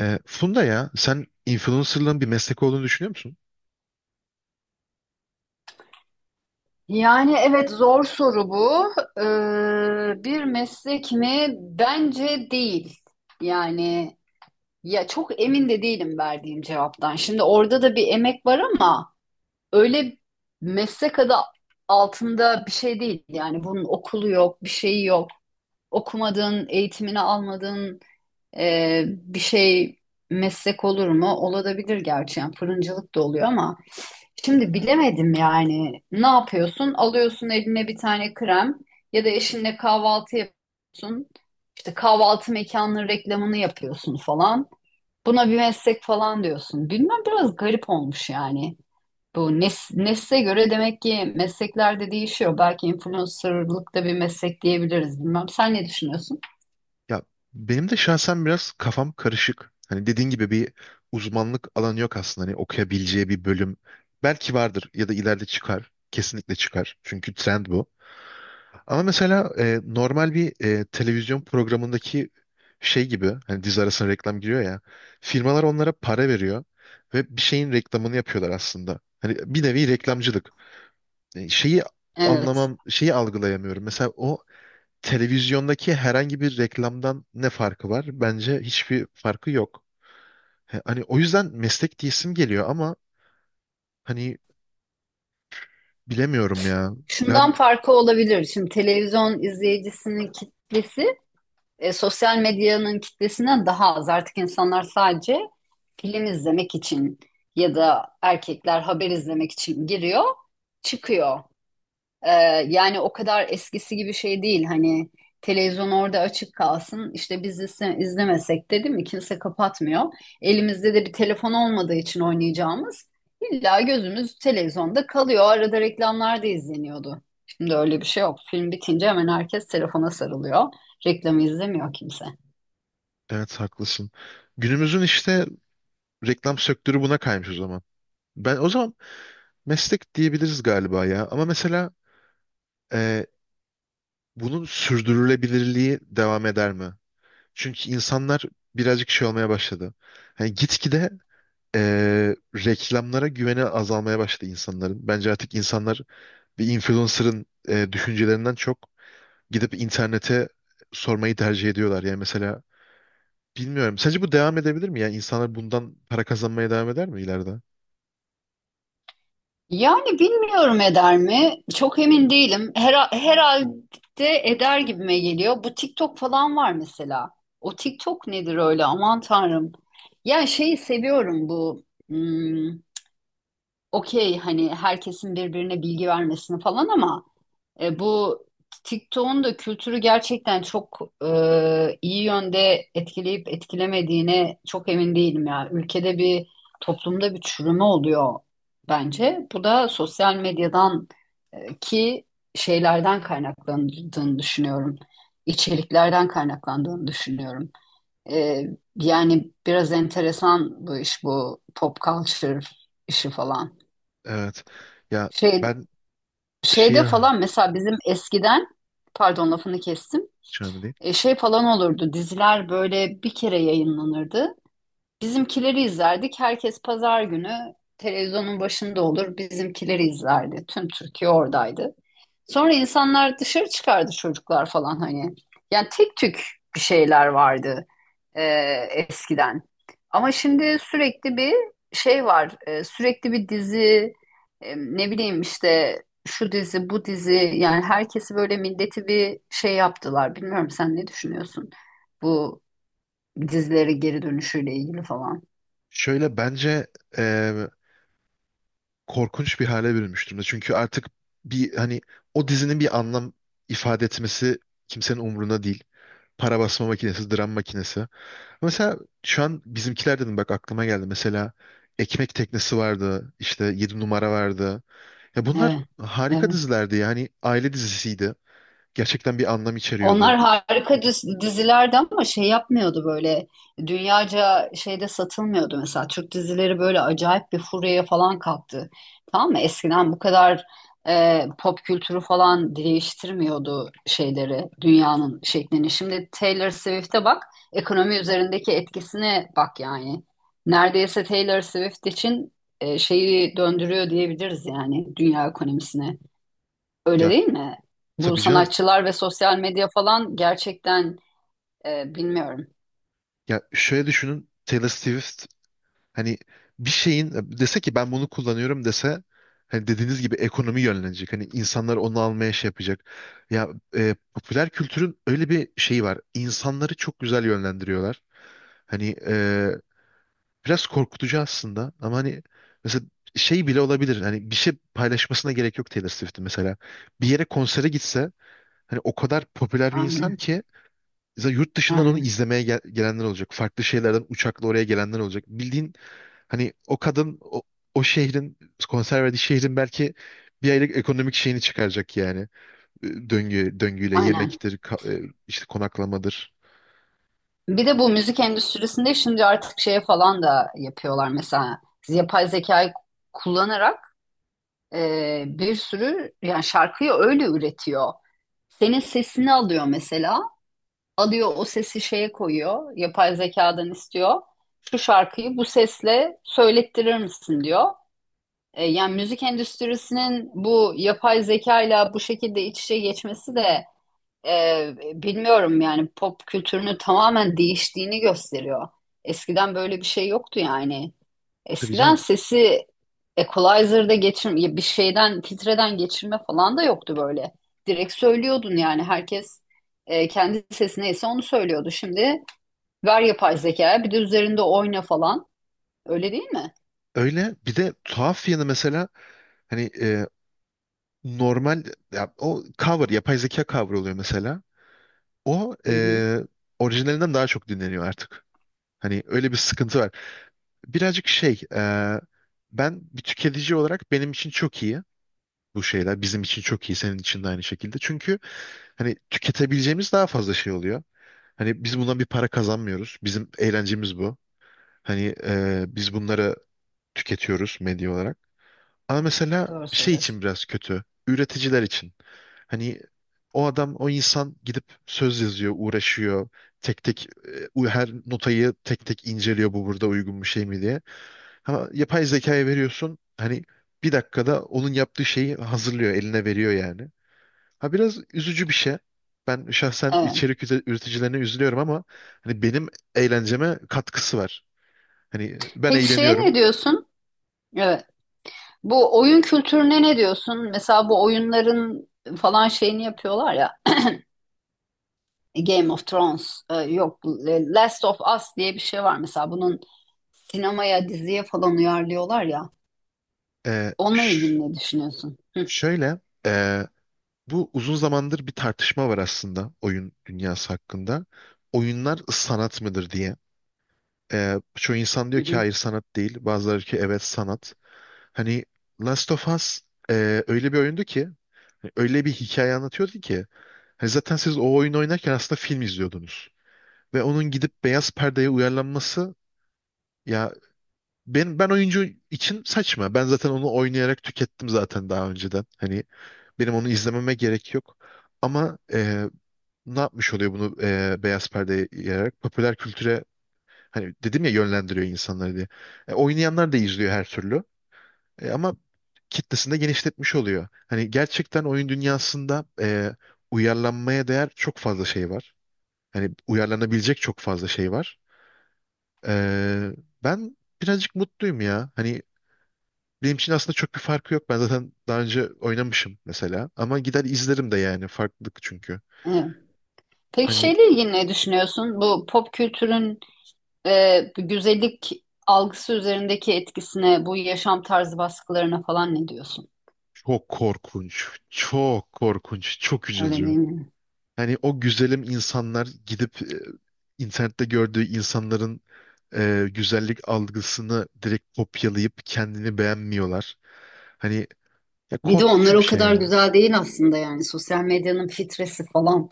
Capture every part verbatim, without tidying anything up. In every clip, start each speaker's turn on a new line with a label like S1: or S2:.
S1: Ee, Funda, ya sen influencerlığın bir meslek olduğunu düşünüyor musun?
S2: Yani evet, zor soru bu. Ee, bir meslek mi? Bence değil. Yani ya çok emin de değilim verdiğim cevaptan. Şimdi orada da bir emek var ama öyle meslek adı altında bir şey değil. Yani bunun okulu yok, bir şeyi yok. Okumadın, eğitimini almadın. Ee, bir şey meslek olur mu? Olabilir gerçi. Yani fırıncılık da oluyor ama şimdi bilemedim yani. Ne yapıyorsun? Alıyorsun eline bir tane krem ya da eşinle kahvaltı yapıyorsun. İşte kahvaltı mekanının reklamını yapıyorsun falan. Buna bir meslek falan diyorsun. Bilmem, biraz garip olmuş yani. Bu nes nesle göre demek ki meslekler de değişiyor. Belki influencerlık da bir meslek diyebiliriz. Bilmem, sen ne düşünüyorsun?
S1: Ya, benim de şahsen biraz kafam karışık. Hani, dediğin gibi bir uzmanlık alanı yok aslında. Hani okuyabileceği bir bölüm belki vardır ya da ileride çıkar. Kesinlikle çıkar. Çünkü trend bu. Ama mesela e, normal bir e, televizyon programındaki şey gibi, hani dizi arasına reklam giriyor ya. Firmalar onlara para veriyor ve bir şeyin reklamını yapıyorlar aslında. Hani bir nevi reklamcılık. E, şeyi
S2: Evet.
S1: anlamam, şeyi algılayamıyorum. Mesela o televizyondaki herhangi bir reklamdan ne farkı var? Bence hiçbir farkı yok. He- Hani o yüzden meslek diyesim geliyor ama hani bilemiyorum ya.
S2: Şundan
S1: Ben
S2: farkı olabilir. Şimdi televizyon izleyicisinin kitlesi e, sosyal medyanın kitlesinden daha az. Artık insanlar sadece film izlemek için ya da erkekler haber izlemek için giriyor, çıkıyor. Ee, Yani o kadar eskisi gibi şey değil, hani televizyon orada açık kalsın işte biz izle- izlemesek de, değil mi, kimse kapatmıyor. Elimizde de bir telefon olmadığı için oynayacağımız, illa gözümüz televizyonda kalıyor. Arada reklamlar da izleniyordu. Şimdi öyle bir şey yok. Film bitince hemen herkes telefona sarılıyor. Reklamı izlemiyor kimse.
S1: evet haklısın. Günümüzün işte reklam sektörü buna kaymış o zaman. Ben o zaman meslek diyebiliriz galiba ya. Ama mesela e, bunun sürdürülebilirliği devam eder mi? Çünkü insanlar birazcık şey olmaya başladı. Hani gitgide e, reklamlara güveni azalmaya başladı insanların. Bence artık insanlar bir influencer'ın e, düşüncelerinden çok gidip internete sormayı tercih ediyorlar. Yani mesela bilmiyorum. Sence bu devam edebilir mi? Yani insanlar bundan para kazanmaya devam eder mi ileride?
S2: Yani bilmiyorum, eder mi? Çok emin değilim. Hera- herhalde eder gibime geliyor. Bu TikTok falan var mesela. O TikTok nedir öyle? Aman tanrım. Ya şeyi seviyorum bu. hmm, Okey, hani herkesin birbirine bilgi vermesini falan ama e, bu TikTok'un da kültürü gerçekten çok e, iyi yönde etkileyip etkilemediğine çok emin değilim ya. Ülkede bir, toplumda bir çürüme oluyor bence. Bu da sosyal medyadan e, ki şeylerden kaynaklandığını düşünüyorum. İçeriklerden kaynaklandığını düşünüyorum. E, Yani biraz enteresan bu iş, bu pop culture işi falan.
S1: Evet. Ya,
S2: Şey,
S1: ben
S2: Şeyde
S1: şeye
S2: falan mesela bizim eskiden pardon, lafını kestim.
S1: hiç önemli değil.
S2: E, şey falan olurdu. Diziler böyle bir kere yayınlanırdı. Bizimkileri izlerdik. Herkes pazar günü televizyonun başında olur. Bizimkileri izlerdi. Tüm Türkiye oradaydı. Sonra insanlar dışarı çıkardı, çocuklar falan hani. Yani tek tük bir şeyler vardı e, eskiden. Ama şimdi sürekli bir şey var. E, sürekli bir dizi, e, ne bileyim işte şu dizi, bu dizi. Yani herkesi böyle, milleti bir şey yaptılar. Bilmiyorum, sen ne düşünüyorsun bu dizileri geri dönüşüyle ilgili falan.
S1: Şöyle, bence e, korkunç bir hale bürünmüş durumda. Çünkü artık bir hani o dizinin bir anlam ifade etmesi kimsenin umruna değil. Para basma makinesi, dram makinesi. Mesela şu an bizimkiler dedim, bak aklıma geldi. Mesela Ekmek Teknesi vardı, işte Yedi Numara vardı. Ya bunlar
S2: Evet,
S1: harika
S2: evet.
S1: dizilerdi. Yani aile dizisiydi. Gerçekten bir anlam
S2: Onlar
S1: içeriyordu.
S2: harika diz- dizilerdi ama şey yapmıyordu böyle, dünyaca şeyde satılmıyordu mesela. Türk dizileri böyle acayip bir furyaya falan kalktı. Tamam mı? Eskiden bu kadar e, pop kültürü falan değiştirmiyordu şeyleri, dünyanın şeklini. Şimdi Taylor Swift'e bak, ekonomi üzerindeki etkisine bak yani. Neredeyse Taylor Swift için e, şeyi döndürüyor diyebiliriz yani, dünya ekonomisine. Öyle
S1: Ya,
S2: değil mi? Bu
S1: tabii canım.
S2: sanatçılar ve sosyal medya falan gerçekten e, bilmiyorum.
S1: Ya, şöyle düşünün. Taylor Swift hani bir şeyin dese ki, ben bunu kullanıyorum dese, hani dediğiniz gibi ekonomi yönlenecek. Hani insanlar onu almaya şey yapacak. Ya, e, popüler kültürün öyle bir şeyi var. İnsanları çok güzel yönlendiriyorlar. Hani, e, Biraz korkutucu aslında ama hani mesela şey bile olabilir. Hani bir şey paylaşmasına gerek yok Taylor Swift'in mesela. Bir yere konsere gitse, hani o kadar popüler bir insan
S2: Aynen,
S1: ki, mesela yurt dışından onu
S2: aynen,
S1: izlemeye gel- gelenler olacak. Farklı şeylerden uçakla oraya gelenler olacak. Bildiğin, hani o kadın, o, o şehrin, konser verdiği şehrin belki bir aylık ekonomik şeyini çıkaracak yani. Ee, Döngü, döngüyle
S2: aynen.
S1: yemektir, ka- e, işte konaklamadır.
S2: Bir de bu müzik endüstrisinde şimdi artık şeye falan da yapıyorlar mesela, yapay zekayı kullanarak e, bir sürü yani şarkıyı öyle üretiyor. Senin sesini alıyor mesela, alıyor o sesi şeye koyuyor, yapay zekadan istiyor. Şu şarkıyı bu sesle söylettirir misin diyor. E, Yani müzik endüstrisinin bu yapay zekayla bu şekilde iç içe geçmesi de e, bilmiyorum yani, pop kültürünü tamamen değiştiğini gösteriyor. Eskiden böyle bir şey yoktu yani.
S1: Tabii
S2: Eskiden
S1: canım.
S2: sesi equalizer'da geçir, bir şeyden filtreden geçirme falan da yoktu böyle. Direkt söylüyordun yani, herkes e, kendi sesi neyse onu söylüyordu. Şimdi ver yapay zekaya, bir de üzerinde oyna falan. Öyle değil mi?
S1: Öyle. Bir de tuhaf yanı, mesela hani e, normal, ya o cover, yapay zeka cover oluyor mesela. O
S2: Hı hı.
S1: e, orijinalinden daha çok dinleniyor artık. Hani öyle bir sıkıntı var. Birazcık şey, e, ben bir tüketici olarak, benim için çok iyi bu şeyler. Bizim için çok iyi, senin için de aynı şekilde. Çünkü hani tüketebileceğimiz daha fazla şey oluyor. Hani biz bundan bir para kazanmıyoruz. Bizim eğlencemiz bu. Hani e, biz bunları tüketiyoruz medya olarak. Ama mesela
S2: Doğru
S1: şey için
S2: söylüyorsun.
S1: biraz kötü. Üreticiler için. Hani o adam, o insan gidip söz yazıyor, uğraşıyor. Tek tek e, u- her notayı tek tek inceliyor, bu burada uygun bir şey mi diye. Ama yapay zekaya veriyorsun. Hani bir dakikada onun yaptığı şeyi hazırlıyor, eline veriyor yani. Ha, biraz üzücü bir şey. Ben şahsen
S2: Evet.
S1: içerik üre- üreticilerine üzülüyorum ama hani benim eğlenceme katkısı var. Hani ben
S2: Peki şeye ne
S1: eğleniyorum.
S2: diyorsun? Evet. Bu oyun kültürüne ne diyorsun? Mesela bu oyunların falan şeyini yapıyorlar ya. Game of Thrones, e, yok e, Last of Us diye bir şey var mesela. Bunun sinemaya, diziye falan uyarlıyorlar ya.
S1: Ee,
S2: Onunla ilgili ne düşünüyorsun? Hı,
S1: Şöyle, eee, bu uzun zamandır bir tartışma var aslında, oyun dünyası hakkında. Oyunlar sanat mıdır diye. Eee çoğu insan
S2: hı,
S1: diyor ki
S2: hı.
S1: hayır, sanat değil. Bazıları ki evet, sanat. Hani Last of Us eee, öyle bir oyundu ki, öyle bir hikaye anlatıyordu ki. Hani zaten siz o oyunu oynarken aslında film izliyordunuz. Ve onun gidip beyaz perdeye uyarlanması, ya ben ben oyuncu için saçma. Ben zaten onu oynayarak tükettim zaten daha önceden. Hani benim onu izlememe gerek yok. Ama e, ne yapmış oluyor bunu e, beyaz perdeye yayarak? Popüler kültüre, hani dedim ya, yönlendiriyor insanları diye. E, oynayanlar da izliyor her türlü. E, ama kitlesini de genişletmiş oluyor. Hani gerçekten oyun dünyasında e, uyarlanmaya değer çok fazla şey var. Hani uyarlanabilecek çok fazla şey var. E, ben birazcık mutluyum ya. Hani benim için aslında çok bir farkı yok. Ben zaten daha önce oynamışım mesela. Ama gider izlerim de yani. Farklılık çünkü.
S2: Evet. Peki
S1: Hani
S2: şeyle ilgili ne düşünüyorsun? Bu pop kültürün e, güzellik algısı üzerindeki etkisine, bu yaşam tarzı baskılarına falan ne diyorsun?
S1: çok korkunç, çok korkunç, çok
S2: Öyle
S1: üzücü.
S2: değil mi?
S1: Hani o güzelim insanlar gidip e, internette gördüğü insanların e, güzellik algısını direkt kopyalayıp kendini beğenmiyorlar. Hani, ya
S2: Bir de
S1: korkunç
S2: onlar
S1: bir
S2: o
S1: şey
S2: kadar
S1: ya.
S2: güzel değil aslında yani, sosyal medyanın filtresi falan.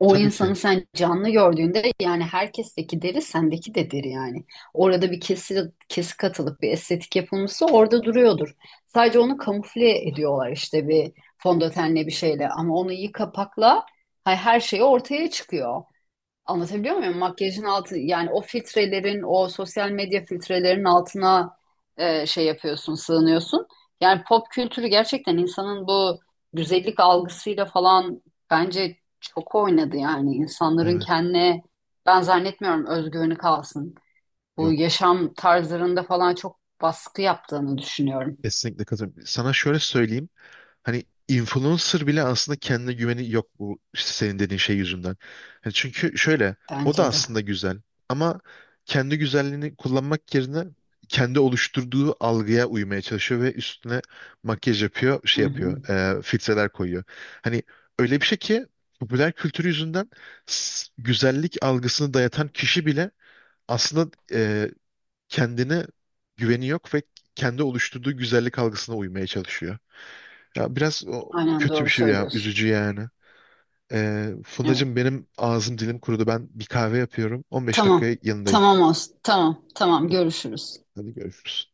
S2: O
S1: Tabii ki.
S2: insanı sen canlı gördüğünde yani, herkesteki deri sendeki de deri yani. Orada bir kesi, kesik katılıp bir estetik yapılmışsa orada duruyordur. Sadece onu kamufle ediyorlar işte bir fondötenle, bir şeyle ama onu iyi kapakla hay- her şey ortaya çıkıyor. Anlatabiliyor muyum? Makyajın altı yani, o filtrelerin, o sosyal medya filtrelerinin altına e, şey yapıyorsun, sığınıyorsun. Yani pop kültürü gerçekten insanın bu güzellik algısıyla falan bence çok oynadı yani. İnsanların
S1: Evet.
S2: kendine, ben zannetmiyorum özgüveni kalsın. Bu
S1: Yok.
S2: yaşam tarzlarında falan çok baskı yaptığını düşünüyorum.
S1: Kesinlikle katılıyorum. Sana şöyle söyleyeyim. Hani influencer bile aslında kendine güveni yok, bu işte senin dediğin şey yüzünden. Hani çünkü şöyle, o da
S2: Bence
S1: aslında
S2: de.
S1: güzel, ama kendi güzelliğini kullanmak yerine kendi oluşturduğu algıya uymaya çalışıyor ve üstüne makyaj yapıyor,
S2: Hı
S1: şey
S2: hı.
S1: yapıyor, e, filtreler koyuyor. Hani öyle bir şey ki, popüler kültür yüzünden s- güzellik algısını dayatan kişi bile aslında e, kendine güveni yok ve kendi oluşturduğu güzellik algısına uymaya çalışıyor. Ya biraz, o
S2: Aynen,
S1: kötü bir
S2: doğru
S1: şey ya.
S2: söylüyorsun.
S1: Üzücü yani. Ee,
S2: Evet.
S1: Fındacığım, benim ağzım dilim kurudu. Ben bir kahve yapıyorum. on beş
S2: Tamam.
S1: dakikaya yanındayım.
S2: Tamam olsun. Tamam. Tamam. Görüşürüz.
S1: Hadi görüşürüz.